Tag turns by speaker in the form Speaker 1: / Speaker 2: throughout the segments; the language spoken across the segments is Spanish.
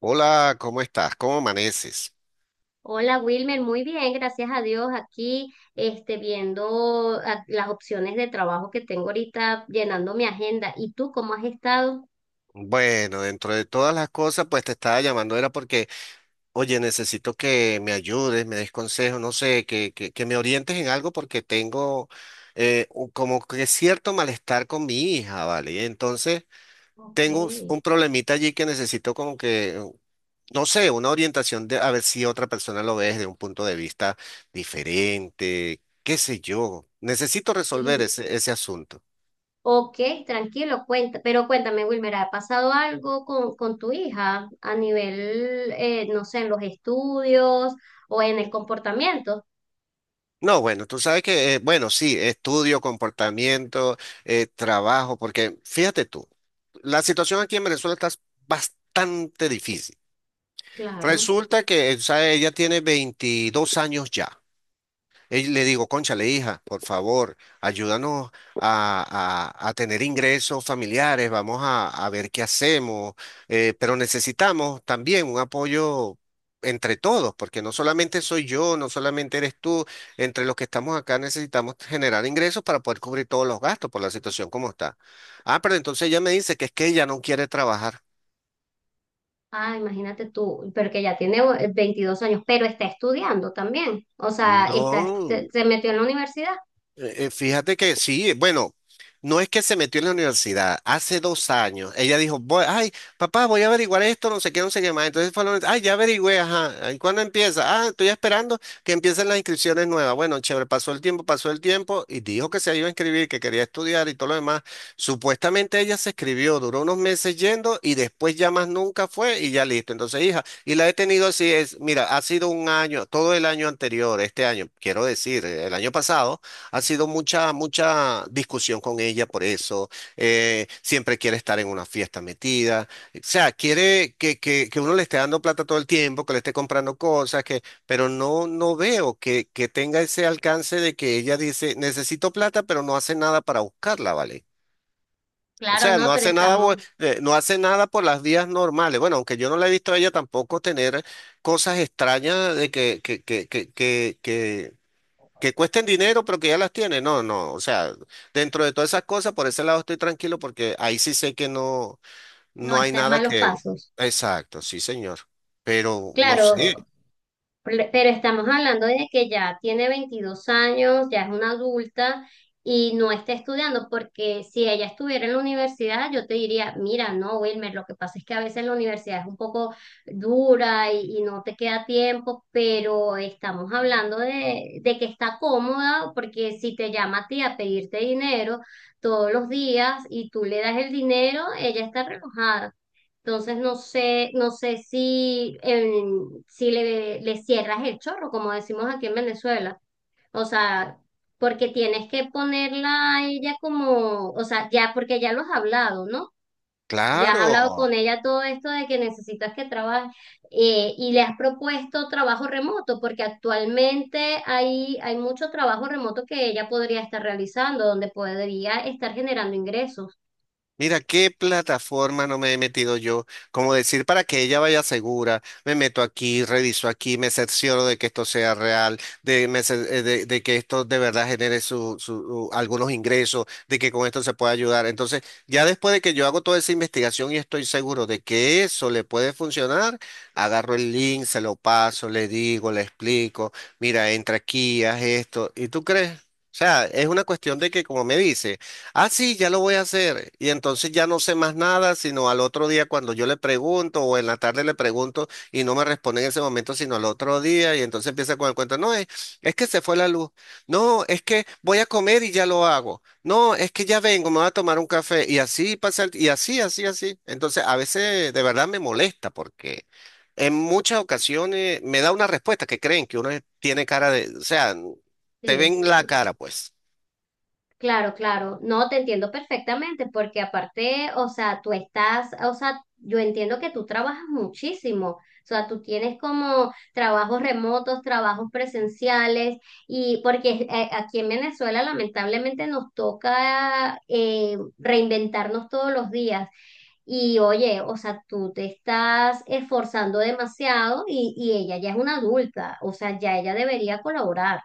Speaker 1: Hola, ¿cómo estás? ¿Cómo amaneces?
Speaker 2: Hola Wilmer, muy bien, gracias a Dios. Aquí, viendo las opciones de trabajo que tengo ahorita, llenando mi agenda. ¿Y tú cómo has estado?
Speaker 1: Bueno, dentro de todas las cosas, pues te estaba llamando, era porque, oye, necesito que me ayudes, me des consejos, no sé, que me orientes en algo porque tengo como que cierto malestar con mi hija, ¿vale? Y entonces,
Speaker 2: Ok.
Speaker 1: tengo un problemita allí que necesito como que, no sé, una orientación de a ver si otra persona lo ve desde un punto de vista diferente, qué sé yo. Necesito resolver
Speaker 2: Y,
Speaker 1: ese asunto.
Speaker 2: ok, tranquilo, cuenta. Pero cuéntame, Wilmer, ¿ha pasado algo con tu hija a nivel, no sé, en los estudios o en el comportamiento?
Speaker 1: No, bueno, tú sabes que, bueno, sí, estudio, comportamiento, trabajo, porque fíjate tú, la situación aquí en Venezuela está bastante difícil.
Speaker 2: Claro.
Speaker 1: Resulta que, o sea, ella tiene 22 años ya. Ey, le digo, cónchale, hija, por favor, ayúdanos a tener ingresos familiares, vamos a ver qué hacemos, pero necesitamos también un apoyo entre todos, porque no solamente soy yo, no solamente eres tú, entre los que estamos acá necesitamos generar ingresos para poder cubrir todos los gastos por la situación como está. Ah, pero entonces ella me dice que es que ella no quiere trabajar.
Speaker 2: Ah, imagínate tú, pero que ya tiene 22 años, pero está estudiando también. O sea, está, se
Speaker 1: No.
Speaker 2: se metió en la universidad.
Speaker 1: Fíjate que sí, bueno, no es que se metió en la universidad, hace 2 años, ella dijo, voy, ay, papá, voy a averiguar esto, no sé qué, no sé qué más, entonces fue, ay, ya averigüé, ajá, ¿y cuándo empieza? Ah, estoy esperando que empiecen las inscripciones nuevas, bueno, chévere, pasó el tiempo, y dijo que se iba a inscribir, que quería estudiar y todo lo demás, supuestamente ella se escribió, duró unos meses yendo, y después ya más nunca fue, y ya listo, entonces, hija, y la he tenido así, es, mira, ha sido un año, todo el año anterior, este año, quiero decir, el año pasado, ha sido mucha, mucha discusión con ella por eso. Siempre quiere estar en una fiesta metida. O sea, quiere que uno le esté dando plata todo el tiempo, que le esté comprando cosas, que, pero no, no veo que tenga ese alcance de que ella dice, necesito plata, pero no hace nada para buscarla, ¿vale? O
Speaker 2: Claro,
Speaker 1: sea,
Speaker 2: no,
Speaker 1: no
Speaker 2: pero
Speaker 1: hace nada,
Speaker 2: estamos,
Speaker 1: no hace nada por las vías normales. Bueno, aunque yo no la he visto a ella tampoco tener cosas extrañas de que cuesten dinero, pero que ya las tiene. No, no. O sea, dentro de todas esas cosas, por ese lado estoy tranquilo porque ahí sí sé que no,
Speaker 2: no
Speaker 1: no hay
Speaker 2: está en
Speaker 1: nada
Speaker 2: malos
Speaker 1: que.
Speaker 2: pasos.
Speaker 1: Exacto, sí, señor. Pero no sé.
Speaker 2: Claro, pero estamos hablando de que ya tiene 22 años, ya es una adulta y no está estudiando, porque si ella estuviera en la universidad, yo te diría, mira, no, Wilmer, lo que pasa es que a veces la universidad es un poco dura y no te queda tiempo, pero estamos hablando de que está cómoda, porque si te llama a ti a pedirte dinero todos los días y tú le das el dinero, ella está relojada. Entonces no sé, no sé si, si le, le cierras el chorro, como decimos aquí en Venezuela. O sea, porque tienes que ponerla a ella como, o sea, ya, porque ya lo has hablado, ¿no? Ya has hablado
Speaker 1: Claro.
Speaker 2: con ella todo esto de que necesitas que trabaje y le has propuesto trabajo remoto, porque actualmente hay, hay mucho trabajo remoto que ella podría estar realizando, donde podría estar generando ingresos.
Speaker 1: Mira, qué plataforma no me he metido yo. Como decir, para que ella vaya segura, me meto aquí, reviso aquí, me cercioro de que esto sea real, de que esto de verdad genere algunos ingresos, de que con esto se pueda ayudar. Entonces, ya después de que yo hago toda esa investigación y estoy seguro de que eso le puede funcionar, agarro el link, se lo paso, le digo, le explico, mira, entra aquí, haz esto. ¿Y tú crees? O sea, es una cuestión de que, como me dice. Ah, sí, ya lo voy a hacer. Y entonces ya no sé más nada, sino al otro día cuando yo le pregunto o en la tarde le pregunto y no me responde en ese momento, sino al otro día. Y entonces empieza con el cuento, no, es que se fue la luz. No, es que voy a comer y ya lo hago. No, es que ya vengo, me voy a tomar un café. Y así pasa, y así, así, así. Entonces a veces de verdad me molesta porque en muchas ocasiones me da una respuesta que creen que uno tiene cara de, o sea, te
Speaker 2: Sí.
Speaker 1: ven la
Speaker 2: Sí.
Speaker 1: cara, pues.
Speaker 2: Claro, claro, no te entiendo perfectamente porque aparte, o sea, tú estás, o sea, yo entiendo que tú trabajas muchísimo, o sea, tú tienes como trabajos remotos, trabajos presenciales y porque aquí en Venezuela lamentablemente nos toca reinventarnos todos los días. Y oye, o sea, tú te estás esforzando demasiado y ella ya es una adulta, o sea, ya ella debería colaborar,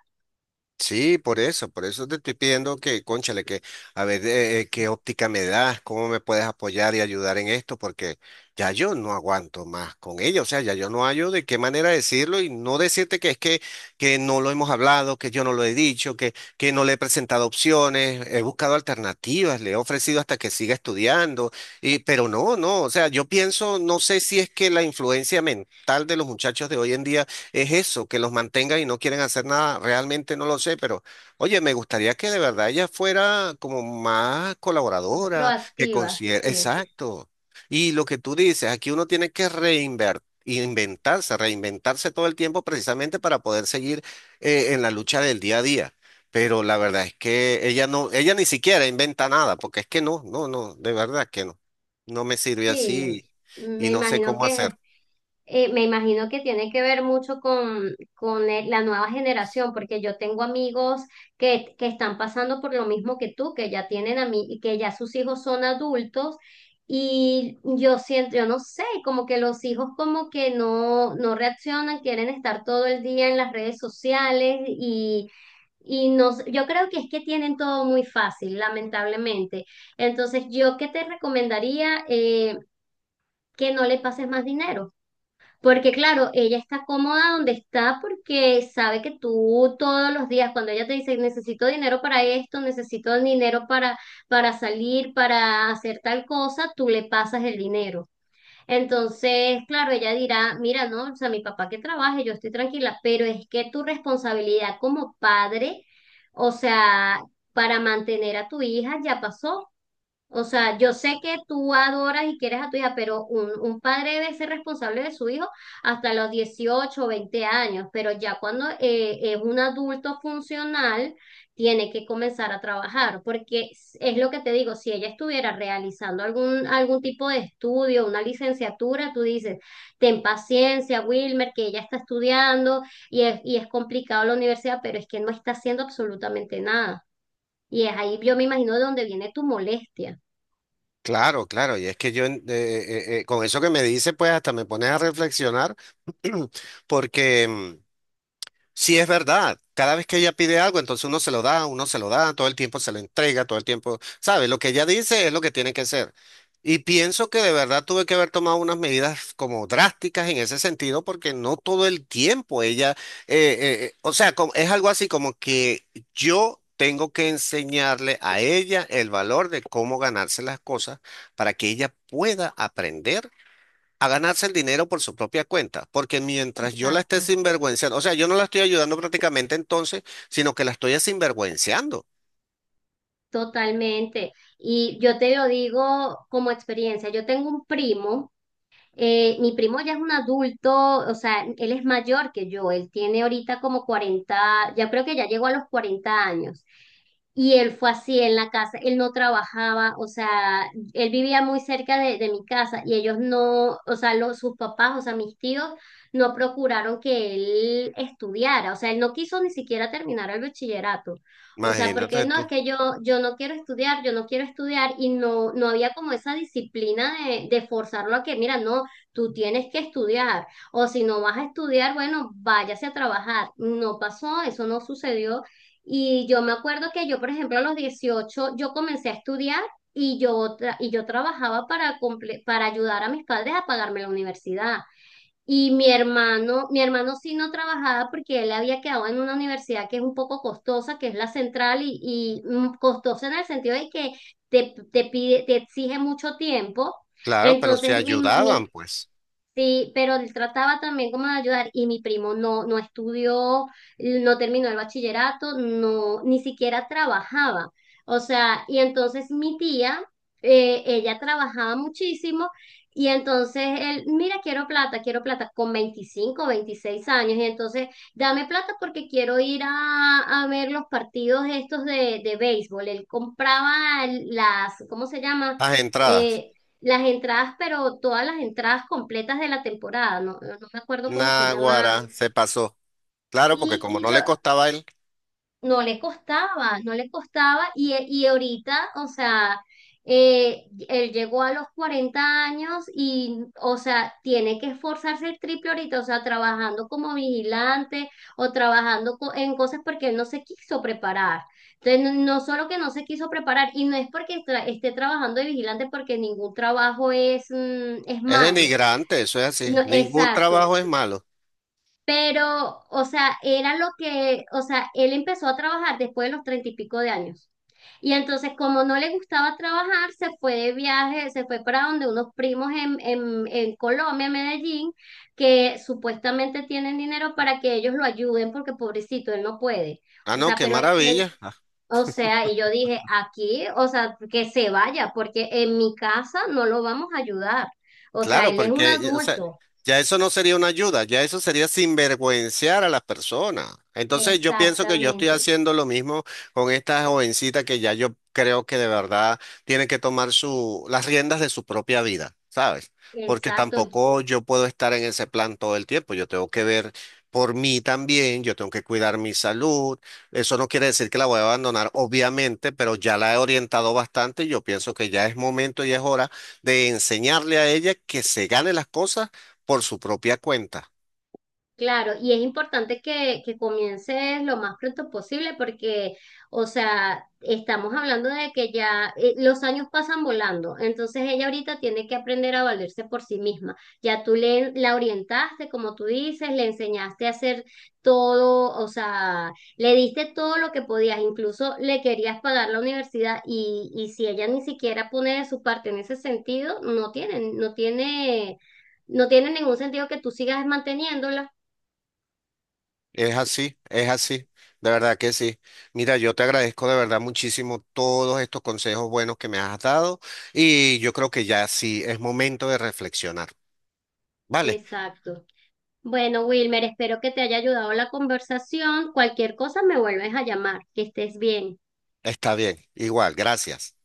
Speaker 1: Sí, por eso te estoy pidiendo que, cónchale, que a ver qué óptica me das, cómo me puedes apoyar y ayudar en esto, porque ya yo no aguanto más con ella, o sea, ya yo no hallo de qué manera decirlo y no decirte que es que no lo hemos hablado, que yo no lo he dicho, que no le he presentado opciones, he buscado alternativas, le he ofrecido hasta que siga estudiando, pero no, no, o sea, yo pienso, no sé si es que la influencia mental de los muchachos de hoy en día es eso, que los mantenga y no quieren hacer nada. Realmente no lo sé, pero oye, me gustaría que de verdad ella fuera como más colaboradora, que
Speaker 2: proactiva,
Speaker 1: considere,
Speaker 2: sí.
Speaker 1: exacto. Y lo que tú dices, aquí uno tiene que reinventarse todo el tiempo precisamente para poder seguir en la lucha del día a día. Pero la verdad es que ella no, ella ni siquiera inventa nada, porque es que no, no, no, de verdad que no. No me sirve
Speaker 2: Sí,
Speaker 1: así y
Speaker 2: me
Speaker 1: no sé
Speaker 2: imagino
Speaker 1: cómo
Speaker 2: que
Speaker 1: hacer.
Speaker 2: me imagino que tiene que ver mucho con la nueva generación, porque yo tengo amigos que están pasando por lo mismo que tú, que ya tienen a mí, que ya sus hijos son adultos, y yo siento, yo no sé, como que los hijos como que no, no reaccionan, quieren estar todo el día en las redes sociales y no, yo creo que es que tienen todo muy fácil, lamentablemente. Entonces, yo qué te recomendaría. Que no le pases más dinero. Porque claro, ella está cómoda donde está porque sabe que tú todos los días, cuando ella te dice, necesito dinero para esto, necesito dinero para salir, para hacer tal cosa, tú le pasas el dinero. Entonces, claro, ella dirá, mira, no, o sea, mi papá que trabaje, yo estoy tranquila, pero es que tu responsabilidad como padre, o sea, para mantener a tu hija ya pasó. O sea, yo sé que tú adoras y quieres a tu hija, pero un padre debe ser responsable de su hijo hasta los 18 o 20 años, pero ya cuando es un adulto funcional, tiene que comenzar a trabajar, porque es lo que te digo, si ella estuviera realizando algún, algún tipo de estudio, una licenciatura, tú dices, ten paciencia, Wilmer, que ella está estudiando y es complicado la universidad, pero es que no está haciendo absolutamente nada. Y es ahí, yo me imagino, de donde viene tu molestia.
Speaker 1: Claro, claro, y es que yo con eso que me dice, pues hasta me pones a reflexionar. porque mm, Sí, es verdad. Cada vez que ella pide algo, entonces uno se lo da, uno se lo da, todo el tiempo se lo entrega, todo el tiempo, ¿sabe? Lo que ella dice es lo que tiene que ser. Y pienso que de verdad tuve que haber tomado unas medidas como drásticas en ese sentido, porque no todo el tiempo ella, o sea, es algo así como que yo tengo que enseñarle a ella el valor de cómo ganarse las cosas para que ella pueda aprender a ganarse el dinero por su propia cuenta, porque mientras yo la
Speaker 2: Exacto,
Speaker 1: esté sinvergüenciando, o sea, yo no la estoy ayudando prácticamente entonces, sino que la estoy sinvergüenciando.
Speaker 2: totalmente. Y yo te lo digo como experiencia, yo tengo un primo. Mi primo ya es un adulto, o sea, él es mayor que yo, él tiene ahorita como 40, ya creo que ya llegó a los 40 años. Y él fue así en la casa, él no trabajaba, o sea, él vivía muy cerca de mi casa y ellos no, o sea, los, sus papás, o sea, mis tíos, no procuraron que él estudiara, o sea, él no quiso ni siquiera terminar el bachillerato, o sea, porque
Speaker 1: Imagínate
Speaker 2: no, es
Speaker 1: tú.
Speaker 2: que yo no quiero estudiar, yo no quiero estudiar y no, no había como esa disciplina de forzarlo a que, mira, no, tú tienes que estudiar, o si no vas a estudiar, bueno, váyase a trabajar. No pasó, eso no sucedió. Y yo me acuerdo que yo, por ejemplo, a los 18 yo comencé a estudiar y yo trabajaba para, para ayudar a mis padres a pagarme la universidad. Y mi hermano sí no trabajaba porque él había quedado en una universidad que es un poco costosa, que es la central, y costosa en el sentido de que te pide, te exige mucho tiempo.
Speaker 1: Claro, pero si
Speaker 2: Entonces,
Speaker 1: ayudaban, pues.
Speaker 2: sí, pero él trataba también como de ayudar y mi primo no, no estudió, no terminó el bachillerato, no, ni siquiera trabajaba. O sea, y entonces mi tía, ella trabajaba muchísimo y entonces él, mira, quiero plata con 25, 26 años y entonces dame plata porque quiero ir a ver los partidos estos de béisbol. Él compraba las, ¿cómo se llama?
Speaker 1: Las entradas.
Speaker 2: Eh, las entradas, pero todas las entradas completas de la temporada, no, no me acuerdo cómo se llama.
Speaker 1: Naguará, se pasó. Claro, porque
Speaker 2: Y,
Speaker 1: como
Speaker 2: y
Speaker 1: no
Speaker 2: lo-
Speaker 1: le costaba a él,
Speaker 2: no le costaba, no le costaba. Y ahorita, o sea, él llegó a los 40 años y, o sea, tiene que esforzarse el triple ahorita, o sea, trabajando como vigilante o trabajando en cosas porque él no se quiso preparar. Entonces, no, no solo que no se quiso preparar, y no es porque esté trabajando de vigilante, porque ningún trabajo es, es
Speaker 1: es
Speaker 2: malo.
Speaker 1: denigrante, eso es así.
Speaker 2: No,
Speaker 1: Ningún
Speaker 2: exacto,
Speaker 1: trabajo es malo.
Speaker 2: pero, o sea, era lo que, o sea, él empezó a trabajar después de los treinta y pico de años. Y entonces, como no le gustaba trabajar, se fue de viaje, se fue para donde unos primos en Colombia, en Medellín, que supuestamente tienen dinero para que ellos lo ayuden, porque pobrecito, él no puede.
Speaker 1: Ah,
Speaker 2: O
Speaker 1: no,
Speaker 2: sea,
Speaker 1: qué
Speaker 2: pero,
Speaker 1: maravilla.
Speaker 2: o sea, y yo dije, aquí, o sea, que se vaya, porque en mi casa no lo vamos a ayudar. O sea,
Speaker 1: Claro,
Speaker 2: él es un
Speaker 1: porque o sea,
Speaker 2: adulto.
Speaker 1: ya eso no sería una ayuda, ya eso sería sinvergüenciar a las personas. Entonces yo pienso que yo estoy
Speaker 2: Exactamente.
Speaker 1: haciendo lo mismo con esta jovencita que ya yo creo que de verdad tiene que tomar su, las riendas de su propia vida, ¿sabes? Porque
Speaker 2: Exacto,
Speaker 1: tampoco yo puedo estar en ese plan todo el tiempo, yo tengo que ver por mí también, yo tengo que cuidar mi salud. Eso no quiere decir que la voy a abandonar, obviamente, pero ya la he orientado bastante y yo pienso que ya es momento y es hora de enseñarle a ella que se gane las cosas por su propia cuenta.
Speaker 2: claro, y es importante que comiences lo más pronto posible porque, o sea, estamos hablando de que ya los años pasan volando, entonces ella ahorita tiene que aprender a valerse por sí misma. Ya tú le, la orientaste, como tú dices, le enseñaste a hacer todo, o sea, le diste todo lo que podías, incluso le querías pagar la universidad y si ella ni siquiera pone de su parte en ese sentido, no tiene, no tiene... No tiene ningún sentido que tú sigas manteniéndola.
Speaker 1: Es así, de verdad que sí. Mira, yo te agradezco de verdad muchísimo todos estos consejos buenos que me has dado y yo creo que ya sí es momento de reflexionar. Vale,
Speaker 2: Exacto. Bueno, Wilmer, espero que te haya ayudado la conversación. Cualquier cosa me vuelves a llamar. Que estés bien.
Speaker 1: está bien, igual, gracias.